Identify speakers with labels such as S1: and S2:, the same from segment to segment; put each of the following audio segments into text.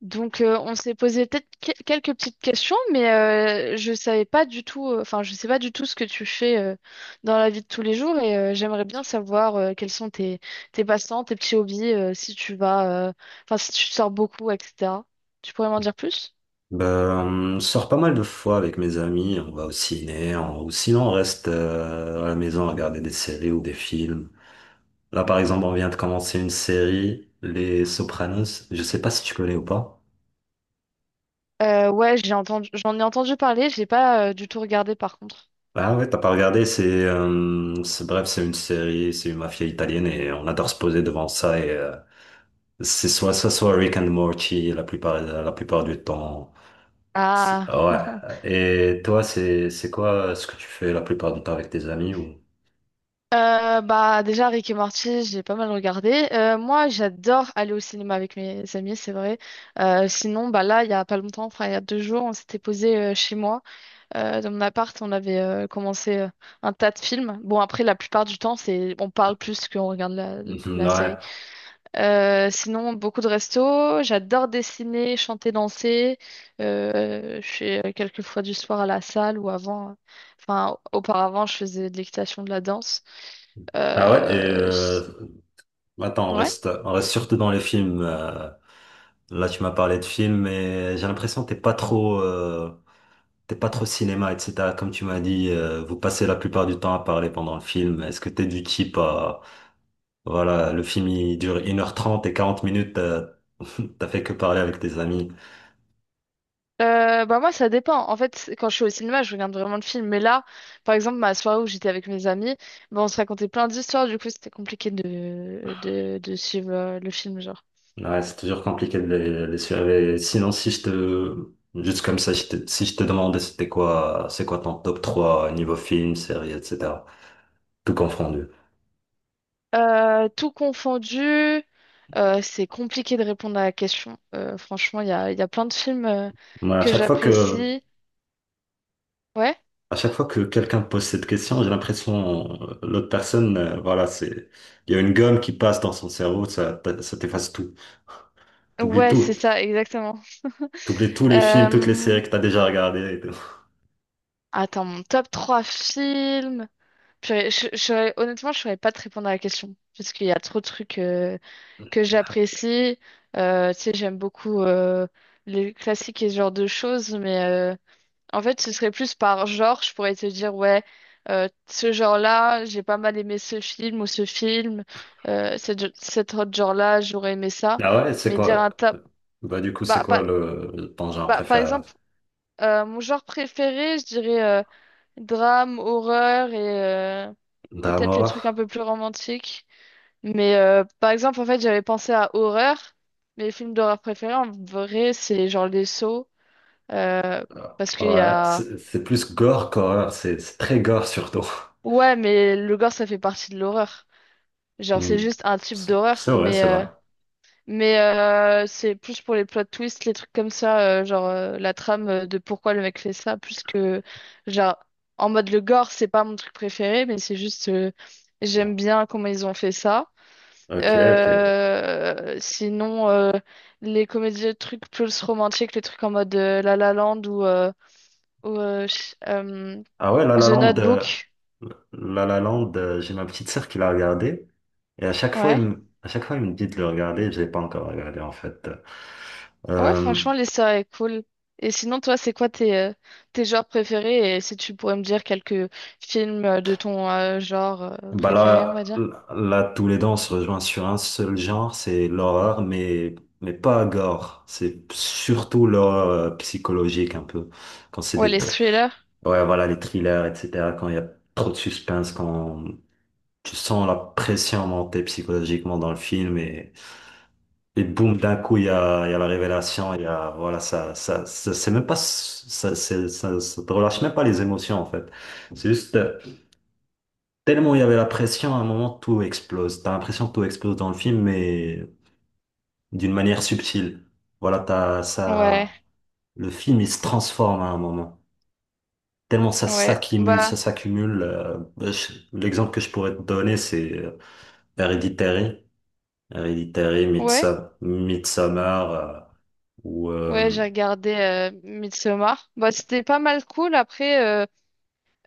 S1: On s'est posé peut-être quelques petites questions, mais je savais pas du tout, je sais pas du tout ce que tu fais dans la vie de tous les jours et j'aimerais bien savoir quels sont tes passe-temps, tes petits hobbies, si tu vas, si tu sors beaucoup, etc. Tu pourrais m'en dire plus?
S2: Ben, on sort pas mal de fois avec mes amis, on va au ciné, ou sinon on reste à la maison à regarder des séries ou des films. Là, par exemple, on vient de commencer une série, Les Sopranos. Je sais pas si tu connais ou pas.
S1: Ouais, j'en ai entendu parler, j'ai pas du tout regardé par contre.
S2: Ah ouais, t'as pas regardé, c'est bref, c'est une série, c'est une mafia italienne et on adore se poser devant ça et c'est soit ça, soit Rick and Morty la plupart du temps.
S1: Ah.
S2: Ah ouais. Et toi, c'est quoi ce que tu fais la plupart du temps avec tes amis ou?
S1: Bah déjà Rick et Morty, j'ai pas mal regardé. Moi, j'adore aller au cinéma avec mes amis, c'est vrai. Sinon, bah là, il y a pas longtemps, enfin il y a deux jours, on s'était posé chez moi, dans mon appart, on avait commencé un tas de films. Bon après, la plupart du temps, c'est on parle plus qu'on regarde la série.
S2: Ouais.
S1: Sinon, beaucoup de restos. J'adore dessiner, chanter, danser. Je fais quelques fois du sport à la salle ou avant. Enfin, auparavant, je faisais de l'équitation, de la danse.
S2: Ah ouais, et
S1: Euh, s-
S2: attends,
S1: ouais.
S2: on reste surtout dans les films. Là, tu m'as parlé de films, mais j'ai l'impression que t'es pas trop cinéma, etc. Comme tu m'as dit, vous passez la plupart du temps à parler pendant le film. Est-ce que t'es du type à, voilà, le film il dure 1h30 et 40 minutes, t'as t'as fait que parler avec tes amis.
S1: Bah moi, ça dépend. En fait, quand je suis au cinéma, je regarde vraiment le film. Mais là, par exemple, ma soirée où j'étais avec mes amis, bah, on se racontait plein d'histoires. Du coup, c'était compliqué de suivre le film, genre.
S2: Ouais, c'est toujours compliqué de les suivre. Et sinon, si je te, juste comme ça, si je te demandais c'est quoi ton top 3 niveau film, série, etc. Tout confondu.
S1: Tout confondu, c'est compliqué de répondre à la question. Franchement, il y a plein de films
S2: Mais
S1: que j'apprécie. Ouais?
S2: à chaque fois que quelqu'un pose cette question, j'ai l'impression l'autre personne, voilà, c'est, il y a une gomme qui passe dans son cerveau, ça, ça t'efface tout. T'oublies
S1: Ouais, c'est
S2: tout.
S1: ça, exactement.
S2: T'oublies tous les films, toutes les
S1: Euh,
S2: séries que t'as déjà regardées et tout.
S1: Attends, mon top 3 films. Purée, honnêtement, je ne saurais pas te répondre à la question, parce qu'il y a trop de trucs que j'apprécie. Tu sais, j'aime beaucoup les classiques et ce genre de choses, mais en fait, ce serait plus par genre, je pourrais te dire, ouais, ce genre-là, j'ai pas mal aimé ce film ou ce film, cet autre genre-là, j'aurais aimé ça.
S2: Ah ouais, c'est
S1: Mais dire
S2: quoi?
S1: un tas...
S2: Bah, du coup, c'est
S1: Bah,
S2: quoi
S1: pas-
S2: ton genre
S1: bah, par
S2: préféré là?
S1: exemple, mon genre préféré, je dirais drame, horreur euh, et
S2: Drame
S1: peut-être les
S2: horreur?
S1: trucs un peu plus romantiques. Mais par exemple, en fait, j'avais pensé à horreur. Mes films d'horreur préférés, en vrai, c'est genre Les Sceaux, euh, parce qu'il y
S2: Ouais,
S1: a...
S2: c'est plus gore qu'horreur, c'est très gore surtout.
S1: Ouais, mais le gore, ça fait partie de l'horreur. Genre, c'est
S2: Hmm.
S1: juste un type
S2: C'est
S1: d'horreur,
S2: c'est vrai,
S1: mais,
S2: c'est
S1: euh,
S2: vrai.
S1: mais euh, c'est plus pour les plot twists, les trucs comme ça, genre la trame de pourquoi le mec fait ça, plus que, genre, en mode le gore, c'est pas mon truc préféré, mais c'est juste, j'aime bien comment ils ont fait ça.
S2: Ok, ok.
S1: Sinon, les comédies, les trucs plus romantiques, les trucs en mode La La Land ou
S2: Ah ouais,
S1: The Notebook,
S2: La La Land, j'ai ma petite sœur qui l'a regardé. Et
S1: ouais.
S2: à chaque fois, elle me dit de le regarder. Je l'ai pas encore regardé, en fait.
S1: Ouais,
S2: Euh,
S1: franchement, l'histoire est cool. Et sinon, toi, c'est quoi tes, tes genres préférés? Et si tu pourrais me dire quelques films de ton genre
S2: bah
S1: préféré, on va
S2: là,
S1: dire.
S2: tous les deux, on se rejoint sur un seul genre, c'est l'horreur, mais pas gore. C'est surtout l'horreur psychologique, un peu. Quand c'est
S1: Ouais, les thrillers.
S2: ouais, voilà, les thrillers, etc. Quand il y a trop de suspense, quand tu sens la pression monter psychologiquement dans le film. Et boum, d'un coup, il y a la révélation, il y a, voilà, c'est même pas, ça, ça, ça te relâche même pas les émotions, en fait. C'est juste, tellement il y avait la pression, à un moment, tout explose. T'as l'impression que tout explose dans le film, mais d'une manière subtile. Voilà,
S1: Ouais,
S2: le film, il se transforme à un moment. Tellement ça
S1: ouais.
S2: s'accumule,
S1: Bah,
S2: ça s'accumule. L'exemple que je pourrais te donner, c'est Hereditary. Hereditary,
S1: ouais.
S2: Midsommar, ou,
S1: Ouais, j'ai regardé Midsommar. Bah, c'était pas mal cool. Après,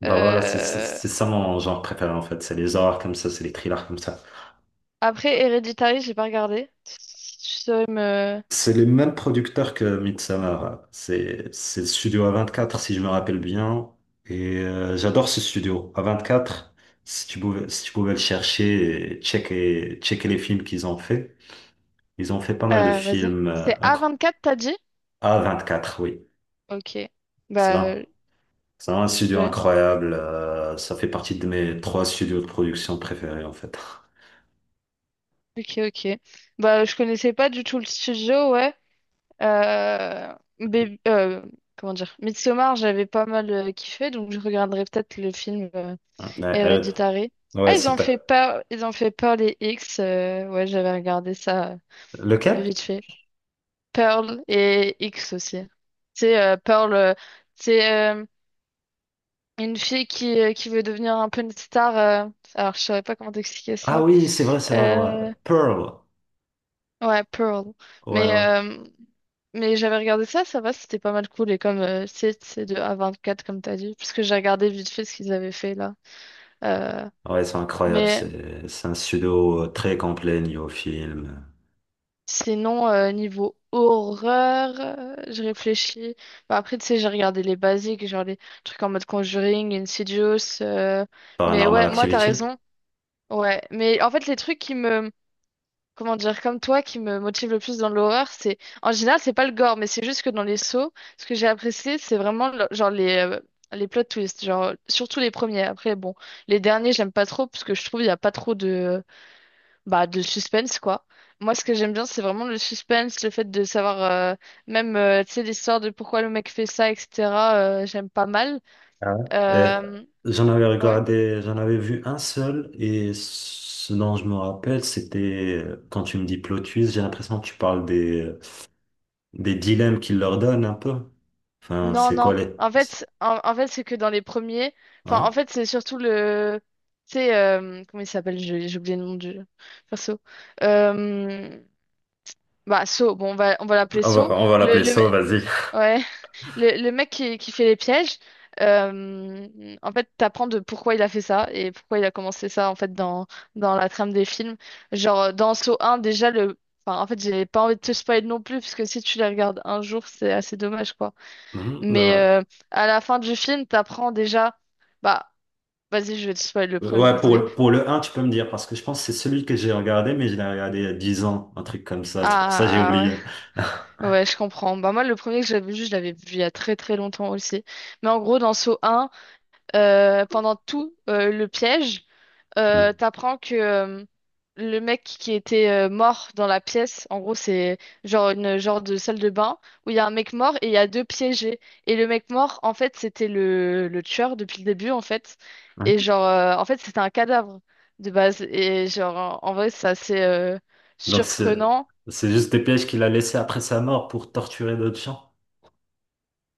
S2: Bah voilà,
S1: euh,
S2: c'est ça mon genre préféré en fait. C'est les horreurs comme ça, c'est les thrillers comme ça.
S1: après Hereditary, j'ai pas regardé. Si tu saurais me...
S2: C'est les mêmes producteurs que Midsommar. C'est le studio A24 si je me rappelle bien. Et j'adore ce studio. A24, si tu pouvais le chercher et checker les films qu'ils ont fait. Ils ont fait pas mal de
S1: Vas-y.
S2: films
S1: C'est a quatre t'as dit?
S2: A24, oui.
S1: Ok.
S2: C'est
S1: Bah,
S2: là. C'est un studio
S1: j'ai.
S2: incroyable. Ça fait partie de mes trois studios de production préférés en fait.
S1: Ok, ok. Bah, je connaissais pas du tout le studio, ouais. Euh, Baby- euh, Comment dire? Midsommar, j'avais pas mal kiffé, donc je regarderai peut-être le film
S2: Ouais,
S1: Héréditary. Ah,
S2: ouais,
S1: ils
S2: si
S1: ont fait
S2: t'as-
S1: Pearl, ils ont fait Pearl et X. Ouais, j'avais regardé ça
S2: Le Cap?
S1: vite fait. Pearl et X aussi. C'est Pearl, c'est une fille qui veut devenir un peu une star. Alors, je saurais pas comment t'expliquer
S2: Ah
S1: ça.
S2: oui, c'est vrai, ouais.
S1: Euh,
S2: Pearl.
S1: ouais, Pearl.
S2: Ouais,
S1: Mais
S2: ouais.
S1: euh, Mais j'avais regardé ça, ça va, c'était pas mal cool. Et comme c'est de A24, comme t'as dit, puisque j'ai regardé vite fait ce qu'ils avaient fait là. Euh,
S2: Ah ouais, c'est incroyable.
S1: mais
S2: C'est un pseudo très complet niveau film.
S1: sinon, niveau horreur, je réfléchis. Bah, après, tu sais, j'ai regardé les basiques, genre les trucs en mode Conjuring, Insidious. Mais
S2: Paranormal
S1: ouais, moi, t'as
S2: Activity.
S1: raison. Ouais, mais en fait, les trucs qui me comment dire, comme toi, qui me motive le plus dans l'horreur, c'est en général, c'est pas le gore, mais c'est juste que dans les sauts, ce que j'ai apprécié, genre les plot twists, genre surtout les premiers. Après, bon, les derniers, j'aime pas trop parce que je trouve il y a pas trop de bah de suspense quoi. Moi, ce que j'aime bien, c'est vraiment le suspense, le fait de savoir euh, même tu sais l'histoire de pourquoi le mec fait ça, etc. J'aime pas mal.
S2: Ah ouais.
S1: Euh,
S2: Et
S1: ouais.
S2: j'en avais vu un seul et ce dont je me rappelle, c'était quand tu me dis plot twist, j'ai l'impression que tu parles des dilemmes qu'il leur donne un peu. Enfin,
S1: Non,
S2: c'est quoi
S1: non.
S2: les...
S1: En fait, c'est que dans les premiers.
S2: Ouais.
S1: Enfin, en fait, c'est surtout le. Tu sais, comment il s'appelle? J'ai oublié le nom du perso. Euh, Bah, So. Bon, on va l'appeler So.
S2: On va
S1: Le,
S2: l'appeler
S1: le,
S2: ça,
S1: me-
S2: vas-y.
S1: ouais. Le mec qui fait les pièges. euh, En fait, t'apprends de pourquoi il a fait ça et pourquoi il a commencé ça, en fait, dans la trame des films. Genre, dans So un déjà, le. Enfin, en fait, j'ai pas envie de te spoiler non plus, parce que si tu les regardes un jour, c'est assez dommage, quoi.
S2: Mhm,
S1: Mais
S2: ouais.
S1: à la fin du film, t'apprends déjà. Bah, vas-y, je vais te spoiler le premier,
S2: Ouais,
S1: désolé.
S2: pour le un tu peux me dire, parce que je pense que c'est celui que j'ai regardé, mais je l'ai regardé il y a 10 ans, un truc comme ça. C'est pour ça que j'ai
S1: Ah
S2: oublié.
S1: ouais, ouais, je comprends. Bah moi, le premier que j'avais vu, je l'avais vu il y a très très longtemps aussi. Mais en gros, dans Saw un pendant tout le piège. euh,
S2: Hmm.
S1: t'apprends que euh, le mec qui était mort dans la pièce, en gros, c'est genre une genre de salle de bain où il y a un mec mort et il y a deux piégés. Et le mec mort, en fait, c'était le tueur depuis le début, en fait.
S2: Hein.
S1: Et genre, en fait, c'était un cadavre de base. Et genre, en vrai, c'est assez
S2: Donc c'est
S1: surprenant.
S2: c'est juste des pièges qu'il a laissés après sa mort pour torturer d'autres gens.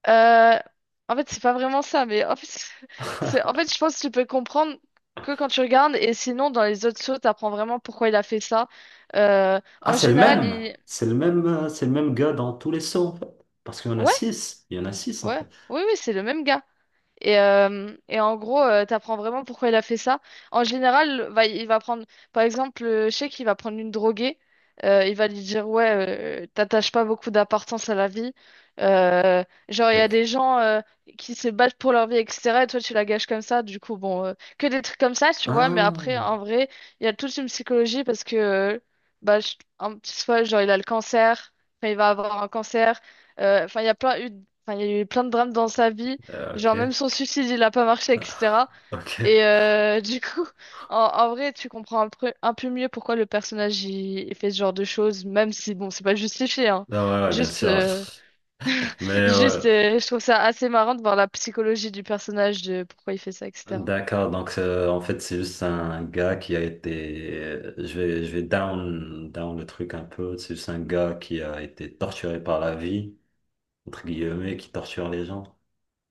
S1: Euh, En fait, c'est pas vraiment ça, mais en fait, c'est, en fait, je pense que tu peux comprendre que quand tu regardes, et sinon, dans les autres shows, t'apprends vraiment pourquoi il a fait ça.
S2: Ah,
S1: En
S2: c'est le
S1: général,
S2: même.
S1: il...
S2: C'est le même gars dans tous les sauts, en fait. Parce qu'il y en a
S1: Ouais,
S2: six. Il y en a six en
S1: ouais,
S2: fait.
S1: oui, oui, c'est le même gars. Et en gros, t'apprends vraiment pourquoi il a fait ça. En général, il va prendre, par exemple, je sais qu'il va prendre une droguée, il va lui dire, ouais, t'attaches pas beaucoup d'importance à la vie. Euh, genre, il y a
S2: Ok.
S1: des gens qui se battent pour leur vie, etc. Et toi, tu la gâches comme ça. Du coup, bon, que des trucs comme ça, tu vois. Mais après,
S2: Ah,
S1: en vrai, il y a toute une psychologie parce que, bah, je- un petit soit, genre, il a le cancer, enfin, il va avoir un cancer. Euh, Enfin, il y a plein eu, enfin, il y a eu plein de drames dans sa vie.
S2: ok.
S1: Genre même son suicide, il a pas marché, etc.
S2: Ok.
S1: Et du coup, en vrai, tu comprends un peu mieux pourquoi le personnage il fait ce genre de choses, même si bon, c'est pas justifié, hein.
S2: Ah ouais, ouais, bien
S1: Juste,
S2: sûr.
S1: euh,
S2: Mais
S1: juste,
S2: ouais.
S1: euh, je trouve ça assez marrant de voir la psychologie du personnage, de pourquoi il fait ça, etc.
S2: D'accord, donc en fait c'est juste un gars je vais, down, le truc un peu, c'est juste un gars qui a été torturé par la vie, entre guillemets, qui torture les gens.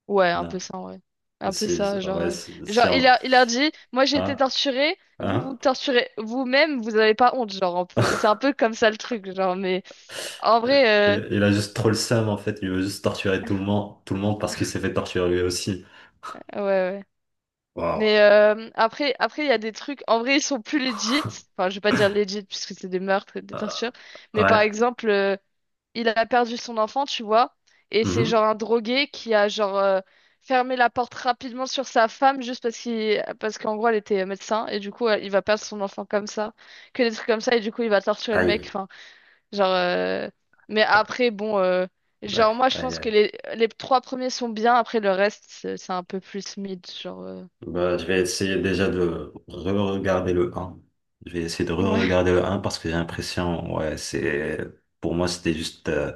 S1: Ouais, un peu
S2: Non,
S1: ça, ouais. Un peu ça,
S2: ouais, c'est
S1: genre il a dit, moi j'ai été
S2: hein?
S1: torturé, vous
S2: Hein?
S1: vous torturez vous-même, vous avez pas honte, genre un peu. C'est un peu comme ça le truc, genre. Mais en vrai,
S2: Il a juste trop le seum en fait, il veut juste torturer tout le monde parce qu'il s'est fait torturer lui aussi.
S1: ouais, ouais.
S2: Waouh.
S1: Mais après, après, il y a des trucs. En vrai, ils sont plus legit. Enfin, je vais pas dire legit puisque c'est des meurtres et des
S2: Euh,
S1: tortures. Mais
S2: ouais.
S1: par exemple, il a perdu son enfant, tu vois. Et c'est genre
S2: Mhm.
S1: un drogué qui a genre fermé la porte rapidement sur sa femme juste parce qu'il, parce qu'en gros, elle était médecin. Et du coup, il va perdre son enfant comme ça. Que des trucs comme ça. Et du coup, il va torturer le mec.
S2: Aïe.
S1: Enfin, genre. Mais après, bon. Genre,
S2: D'accord.
S1: moi, je
S2: Aïe,
S1: pense que
S2: aïe.
S1: les trois premiers sont bien. Après, le reste, c'est un peu plus mid. Genre.
S2: Bah, je vais essayer déjà de re-regarder le un. Je vais essayer de
S1: Ouais.
S2: re-regarder le un parce que j'ai l'impression, ouais, c'est, pour moi, c'était juste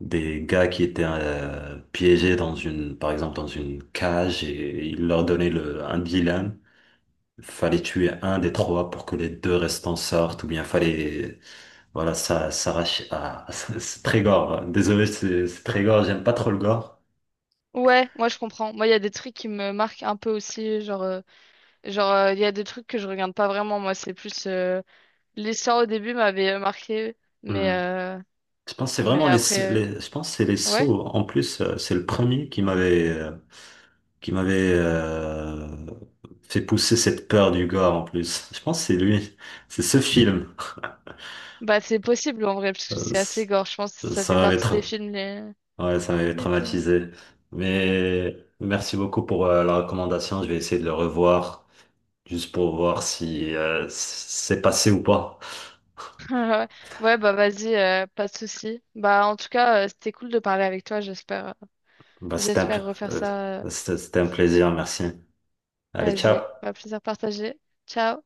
S2: des gars qui étaient piégés dans une, par exemple, dans une cage et ils leur donnaient un dilemme. Fallait tuer un des trois pour que les deux restants sortent ou bien fallait, voilà, ça s'arrache à, c'est très gore. Désolé, c'est très gore, j'aime pas trop le gore.
S1: Ouais, moi je comprends. Moi, il y a des trucs qui me marquent un peu aussi. Genre, il y a des trucs que je regarde pas vraiment. Moi, c'est plus l'histoire au début m'avait marqué, mais
S2: Hmm.
S1: euh,
S2: Je pense que c'est
S1: mais
S2: vraiment
S1: après,
S2: je pense que c'est les
S1: ouais.
S2: sauts. En plus, c'est le premier qui m'avait fait pousser cette peur du gore en plus. Je pense que c'est lui, c'est ce film.
S1: Bah, c'est possible en vrai parce que
S2: Euh,
S1: c'est
S2: c-
S1: assez gore. Je pense que ça
S2: ça
S1: fait
S2: m'avait
S1: partie des films
S2: ouais, ça m'avait
S1: les plus gore.
S2: traumatisé. Mais merci beaucoup pour la recommandation. Je vais essayer de le revoir juste pour voir si c'est passé ou pas.
S1: Ouais, bah vas-y, pas de souci. Bah, en tout cas, c'était cool de parler avec toi.
S2: Bah,
S1: J'espère refaire ça.
S2: c'était un plaisir. Merci. Allez, ciao.
S1: Vas-y, bah plaisir partagé. Ciao.